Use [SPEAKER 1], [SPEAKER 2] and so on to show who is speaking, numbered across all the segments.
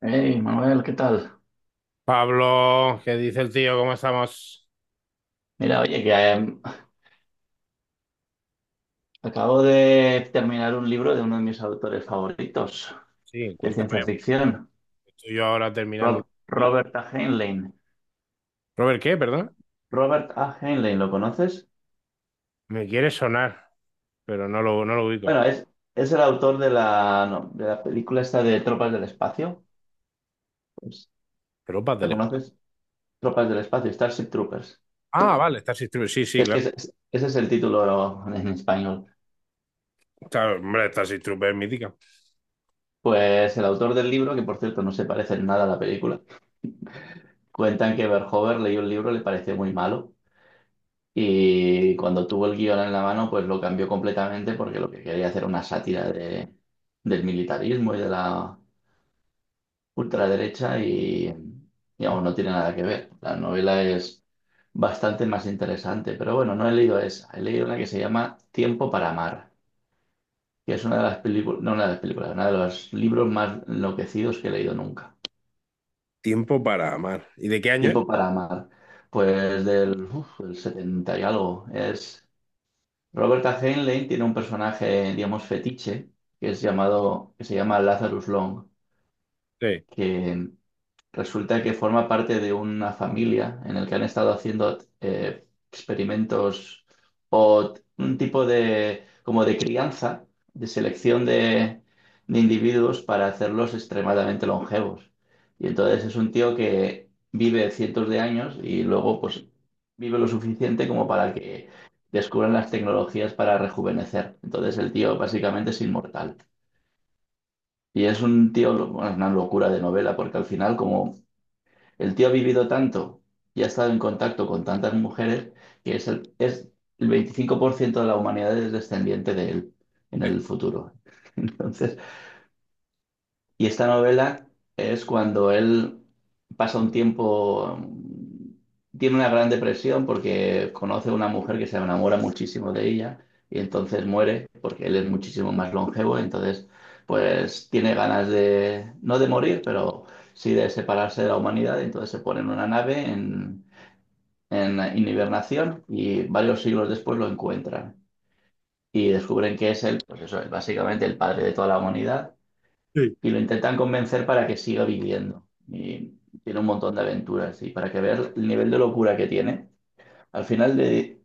[SPEAKER 1] Hey, Manuel, ¿qué tal?
[SPEAKER 2] Pablo, ¿qué dice el tío? ¿Cómo estamos?
[SPEAKER 1] Mira, oye, que acabo de terminar un libro de uno de mis autores favoritos
[SPEAKER 2] Sí,
[SPEAKER 1] de
[SPEAKER 2] cuéntame.
[SPEAKER 1] ciencia ficción,
[SPEAKER 2] Estoy yo ahora terminando.
[SPEAKER 1] Robert A. Heinlein.
[SPEAKER 2] Robert, ¿qué? Perdón.
[SPEAKER 1] Robert A. Heinlein, ¿lo conoces?
[SPEAKER 2] Me quiere sonar, pero no lo ubico.
[SPEAKER 1] Bueno, es el autor de la, no, de la película esta de Tropas del Espacio. Pues,
[SPEAKER 2] Tropas
[SPEAKER 1] ¿la
[SPEAKER 2] del espacio.
[SPEAKER 1] conoces? Tropas del Espacio, Starship Troopers.
[SPEAKER 2] Ah, vale, Starship Troopers. Sí, sí,
[SPEAKER 1] Es que
[SPEAKER 2] claro.
[SPEAKER 1] ese es el título en español.
[SPEAKER 2] Está, hombre, Starship Troopers mítica.
[SPEAKER 1] Pues el autor del libro, que por cierto no se parece en nada a la película, cuentan que Verhoeven leyó el libro y le pareció muy malo. Y cuando tuvo el guión en la mano, pues lo cambió completamente porque lo que quería hacer era una sátira de, del militarismo y de la ultraderecha y, digamos, no tiene nada que ver. La novela es bastante más interesante, pero bueno, no he leído esa. He leído una que se llama Tiempo para amar, que es una de las películas, no una de las películas, una de los libros más enloquecidos que he leído nunca.
[SPEAKER 2] Tiempo para amar. ¿Y de qué año es?
[SPEAKER 1] Tiempo para amar, pues del, uf, del 70 y algo. Es Roberta Heinlein tiene un personaje, digamos, fetiche, que es llamado, que se llama Lazarus Long,
[SPEAKER 2] Sí.
[SPEAKER 1] que resulta que forma parte de una familia en el que han estado haciendo experimentos un tipo de como de crianza, de selección de individuos para hacerlos extremadamente longevos. Y entonces es un tío que vive cientos de años y luego pues vive lo suficiente como para que descubran las tecnologías para rejuvenecer. Entonces el tío básicamente es inmortal. Y es un tío, bueno, es una locura de novela, porque al final, como el tío ha vivido tanto y ha estado en contacto con tantas mujeres que es el 25% de la humanidad es descendiente de él en el futuro. Entonces, y esta novela es cuando él pasa un tiempo, tiene una gran depresión porque conoce a una mujer que se enamora muchísimo de ella y entonces muere porque él es muchísimo más longevo, entonces pues tiene ganas de, no de morir, pero sí de separarse de la humanidad, entonces se pone en una nave en, en hibernación y varios siglos después lo encuentran y descubren que es él, pues eso es básicamente el padre de toda la humanidad
[SPEAKER 2] Sí.
[SPEAKER 1] y lo intentan convencer para que siga viviendo. Y tiene un montón de aventuras y para que veas el nivel de locura que tiene. Al final de,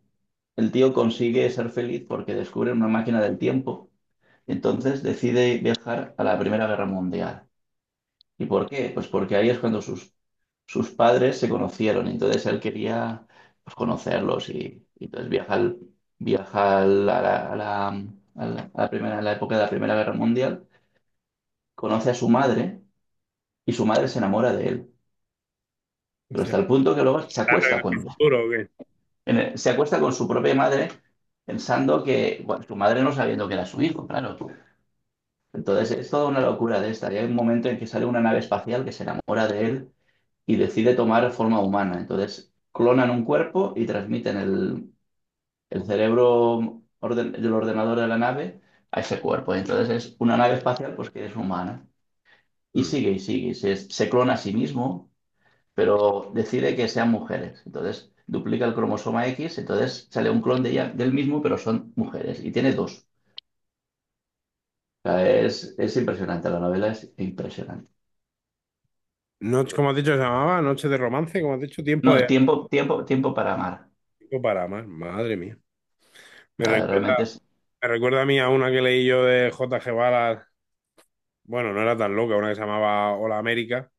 [SPEAKER 1] el tío consigue ser feliz porque descubre una máquina del tiempo. Entonces decide viajar a la Primera Guerra Mundial. ¿Y por qué? Pues porque ahí es cuando sus, sus padres se conocieron. Entonces él quería pues, conocerlos y entonces viaja, viaja a la, a la primera, a la época de la Primera Guerra Mundial. Conoce a su madre y su madre se enamora de él. Pero
[SPEAKER 2] O
[SPEAKER 1] hasta el punto que luego se
[SPEAKER 2] ¿Está
[SPEAKER 1] acuesta
[SPEAKER 2] re
[SPEAKER 1] con
[SPEAKER 2] duro o qué?
[SPEAKER 1] se acuesta con su propia madre pensando que, bueno, su madre no sabiendo que era su hijo, claro. Entonces es toda una locura de esta. Y hay un momento en que sale una nave espacial que se enamora de él y decide tomar forma humana. Entonces clonan un cuerpo y transmiten el, el del ordenador de la nave a ese cuerpo. Entonces es una nave espacial pues que es humana. Y
[SPEAKER 2] Mm.
[SPEAKER 1] sigue y sigue. Se clona a sí mismo pero decide que sean mujeres. Entonces duplica el cromosoma X, entonces sale un clon de ella, del mismo, pero son mujeres y tiene dos. O sea, es impresionante, la novela es impresionante.
[SPEAKER 2] Noche, como has dicho, se llamaba Noche de Romance, como has dicho, Tiempo
[SPEAKER 1] No,
[SPEAKER 2] de
[SPEAKER 1] tiempo para amar.
[SPEAKER 2] Tiempo para amar. Madre mía.
[SPEAKER 1] O
[SPEAKER 2] Me
[SPEAKER 1] sea, realmente
[SPEAKER 2] recuerda,
[SPEAKER 1] es...
[SPEAKER 2] me recuerda a mí a una que leí yo de J.G. Varas. Bueno, no era tan loca, una que se llamaba Hola América,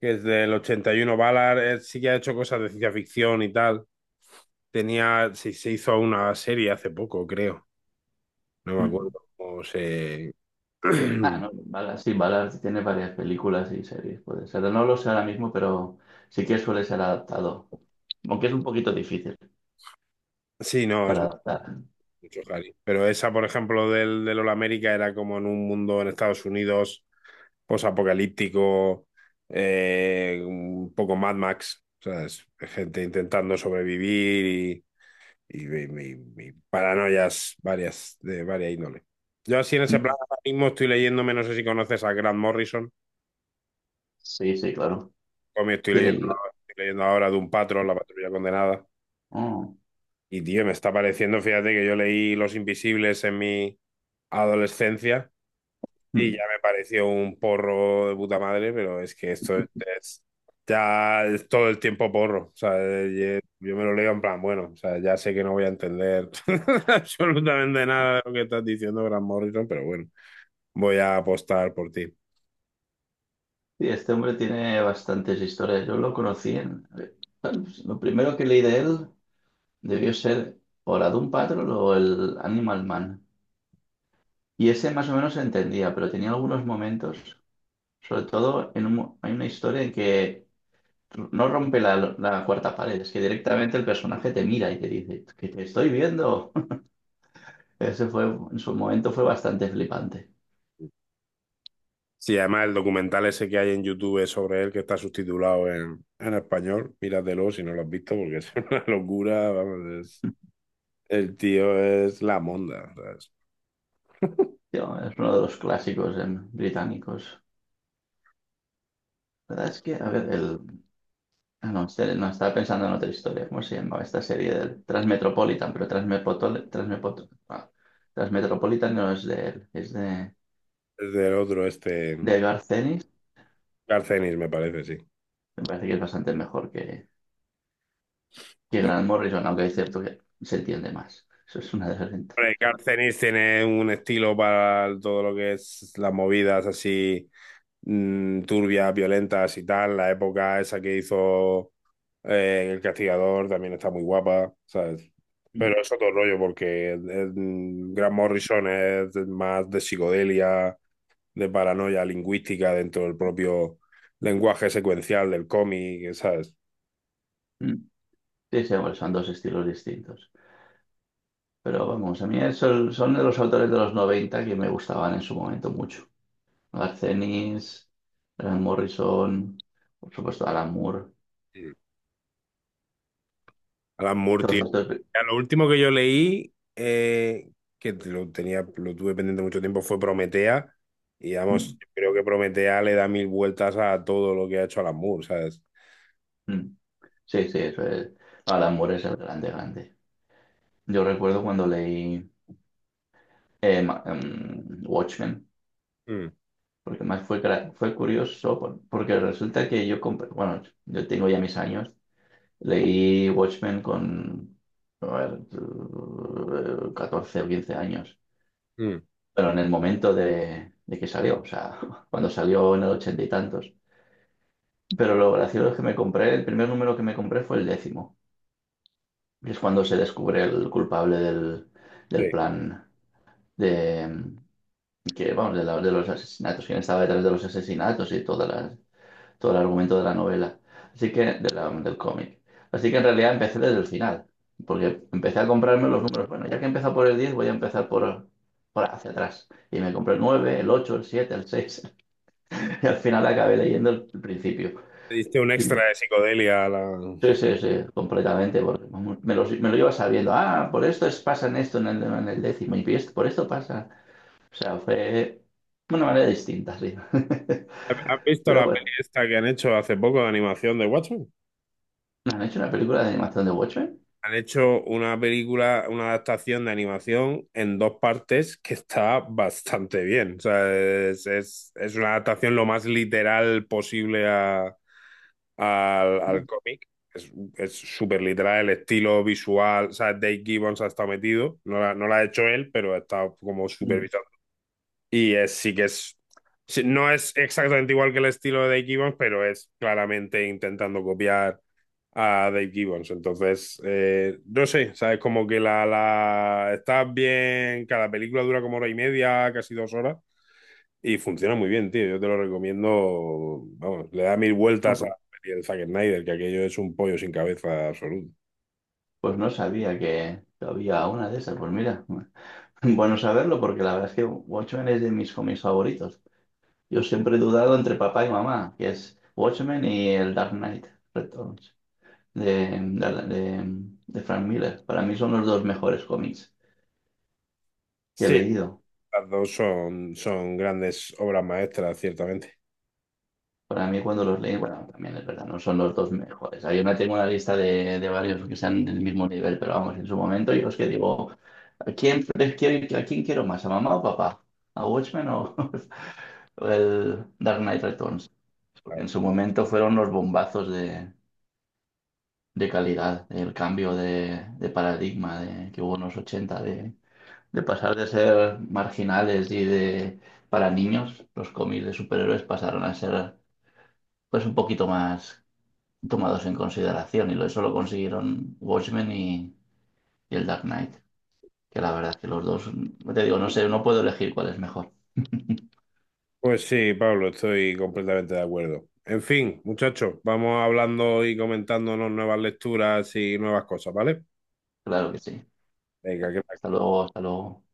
[SPEAKER 2] que es del 81. Ballard, sí que ha hecho cosas de ciencia ficción y tal. Se hizo una serie hace poco, creo. No me acuerdo
[SPEAKER 1] Mm.
[SPEAKER 2] cómo se...
[SPEAKER 1] Ah, no, Ballard, sí, Ballard tiene varias películas y series, puede ser. No lo sé ahora mismo, pero sí que suele ser adaptado. Aunque es un poquito difícil
[SPEAKER 2] Sí, no, es
[SPEAKER 1] para adaptar.
[SPEAKER 2] mucho Harry. Pero esa, por ejemplo, del Hola América era como en un mundo en Estados Unidos posapocalíptico, un poco Mad Max, ¿sabes? Gente intentando sobrevivir y mi paranoias varias, de varias índole. Yo así en ese plan
[SPEAKER 1] Mm.
[SPEAKER 2] ahora mismo estoy leyéndome, no sé si conoces a Grant Morrison,
[SPEAKER 1] Sí, sí, claro.
[SPEAKER 2] o me
[SPEAKER 1] Tiene libro.
[SPEAKER 2] estoy leyendo ahora de un patrón, La Patrulla Condenada.
[SPEAKER 1] Oh.
[SPEAKER 2] Y tío, me está pareciendo, fíjate que yo leí Los Invisibles en mi adolescencia. Y ya
[SPEAKER 1] Mm.
[SPEAKER 2] me pareció un porro de puta madre, pero es que esto es, ya es todo el tiempo porro. O sea, yo me lo leo en plan, bueno, o sea, ya sé que no voy a entender absolutamente nada de lo que estás diciendo, Grant Morrison, pero bueno, voy a apostar por ti.
[SPEAKER 1] Sí, este hombre tiene bastantes historias. Yo lo conocí en... bueno, pues, lo primero que leí de él debió ser o la Doom Patrol o el Animal Man. Y ese más o menos se entendía, pero tenía algunos momentos, sobre todo en un hay una historia en que no rompe la, la cuarta pared, es que directamente el personaje te mira y te dice, que te estoy viendo. Ese fue, en su momento fue bastante flipante.
[SPEAKER 2] Sí, además el documental ese que hay en YouTube sobre él, que está subtitulado en español, míratelo si no lo has visto, porque es una locura, vamos, el tío es la monda, ¿sabes?
[SPEAKER 1] Tío, es uno de los clásicos británicos. La verdad es que, a ver, el... Ah, no, no, estaba pensando en otra historia. ¿Cómo se llamaba esta serie del Transmetropolitan? Pero Transmetropolitan no es de él, es
[SPEAKER 2] Es del otro, este,
[SPEAKER 1] de Garcenis.
[SPEAKER 2] Garcenis, me parece, sí.
[SPEAKER 1] Me parece que es bastante mejor que Grant Morrison, aunque es cierto que se entiende más. Eso es una de las ventajas.
[SPEAKER 2] Hombre, Garcenis tiene un estilo para todo lo que es las movidas así turbias, violentas y tal. La época esa que hizo El Castigador también está muy guapa, ¿sabes?
[SPEAKER 1] Mm,
[SPEAKER 2] Pero es otro rollo porque Gran Morrison es más de psicodelia, de paranoia lingüística dentro del propio lenguaje secuencial del cómic, ¿sabes?
[SPEAKER 1] mm. Sí, sí, bueno, son dos estilos distintos. Pero vamos, a mí son, son de los autores de los 90 que me gustaban en su momento mucho. Garcenis, Grant Morrison, por supuesto Alan Moore,
[SPEAKER 2] Mm. Alan Moore.
[SPEAKER 1] todos estos.
[SPEAKER 2] Ya, lo último que yo leí, que lo tenía, lo tuve pendiente mucho tiempo, fue Prometea. Y vamos,
[SPEAKER 1] Mm,
[SPEAKER 2] yo creo que Prometea le da mil vueltas a todo lo que ha hecho Alan Moore, ¿sabes?
[SPEAKER 1] mm. Sí, sí, eso es. Alan Moore es el grande, grande. Yo recuerdo cuando leí Watchmen,
[SPEAKER 2] Mm,
[SPEAKER 1] porque más fue, fue curioso, porque resulta que yo compré, bueno, yo tengo ya mis años, leí Watchmen con, a ver, 14 o 15 años,
[SPEAKER 2] mm.
[SPEAKER 1] pero en el momento de que salió, o sea, cuando salió en el ochenta y tantos. Pero lo gracioso es que me compré, el primer número que me compré fue el décimo, que es cuando se descubre el culpable del
[SPEAKER 2] Sí.
[SPEAKER 1] del plan, de que vamos de, de los asesinatos, quién estaba detrás de los asesinatos y todas las, todo el argumento de la novela, así que de del cómic. Así que en realidad empecé desde el final, porque empecé a comprarme los números. Bueno, ya que he empezado por el 10 voy a empezar por hacia atrás. Y me compré el 9 el 8 el 7 el 6 y al final acabé leyendo el principio.
[SPEAKER 2] Le diste un extra
[SPEAKER 1] Sí.
[SPEAKER 2] de psicodelia a la...
[SPEAKER 1] Sí, sí, sí, completamente, porque vamos, me lo iba sabiendo. Ah, por esto es, pasa en esto en el décimo, y por esto pasa. O sea, fue una manera distinta, sí.
[SPEAKER 2] ¿Has visto
[SPEAKER 1] Pero
[SPEAKER 2] la
[SPEAKER 1] bueno,
[SPEAKER 2] peli esta que han hecho hace poco de animación de Watchmen?
[SPEAKER 1] ¿no han hecho una película de animación de Watchmen?
[SPEAKER 2] Han hecho una película, una adaptación de animación en dos partes que está bastante bien. O sea, es, es una adaptación lo más literal posible
[SPEAKER 1] No.
[SPEAKER 2] al cómic. Es súper literal el estilo visual. O sea, Dave Gibbons ha estado metido. No la ha hecho él, pero ha estado como
[SPEAKER 1] Mm,
[SPEAKER 2] supervisando. Y es, sí que es. Sí, no es exactamente igual que el estilo de Dave Gibbons, pero es claramente intentando copiar a Dave Gibbons. Entonces, no sé, ¿sabes? Como que la, la. Está bien. Cada película dura como hora y media, casi dos horas. Y funciona muy bien, tío. Yo te lo recomiendo. Vamos, le da mil
[SPEAKER 1] no,
[SPEAKER 2] vueltas a la
[SPEAKER 1] pues,
[SPEAKER 2] peli del Zack Snyder, que aquello es un pollo sin cabeza absoluto.
[SPEAKER 1] pues no sabía que había una de esas. Pues mira, bueno saberlo porque la verdad es que Watchmen es de mis cómics favoritos. Yo siempre he dudado entre papá y mamá, que es Watchmen y el Dark Knight Returns de, de, de- de Frank Miller. Para mí son los dos mejores cómics que he
[SPEAKER 2] Sí.
[SPEAKER 1] leído.
[SPEAKER 2] Las dos son grandes obras maestras, ciertamente.
[SPEAKER 1] Para mí cuando los leí, bueno, también es verdad, no son los dos mejores. Ah, yo no tengo una lista de varios que están del mismo nivel, pero vamos, en su momento yo es que digo, ¿a quién, a quién quiero más, a mamá o papá? ¿A Watchmen o, o el Dark Knight Returns? Porque
[SPEAKER 2] Claro.
[SPEAKER 1] en su momento fueron los bombazos de calidad, el cambio de paradigma de, que hubo en los 80, de pasar de ser marginales y de para niños, los cómics de superhéroes pasaron a ser pues un poquito más tomados en consideración y eso lo consiguieron Watchmen y el Dark Knight, que la verdad es que los dos, te digo, no sé, no puedo elegir cuál es mejor.
[SPEAKER 2] Pues sí, Pablo, estoy completamente de acuerdo. En fin, muchachos, vamos hablando y comentándonos nuevas lecturas y nuevas cosas, ¿vale?
[SPEAKER 1] Claro que sí.
[SPEAKER 2] Venga, que
[SPEAKER 1] Hasta luego, hasta luego.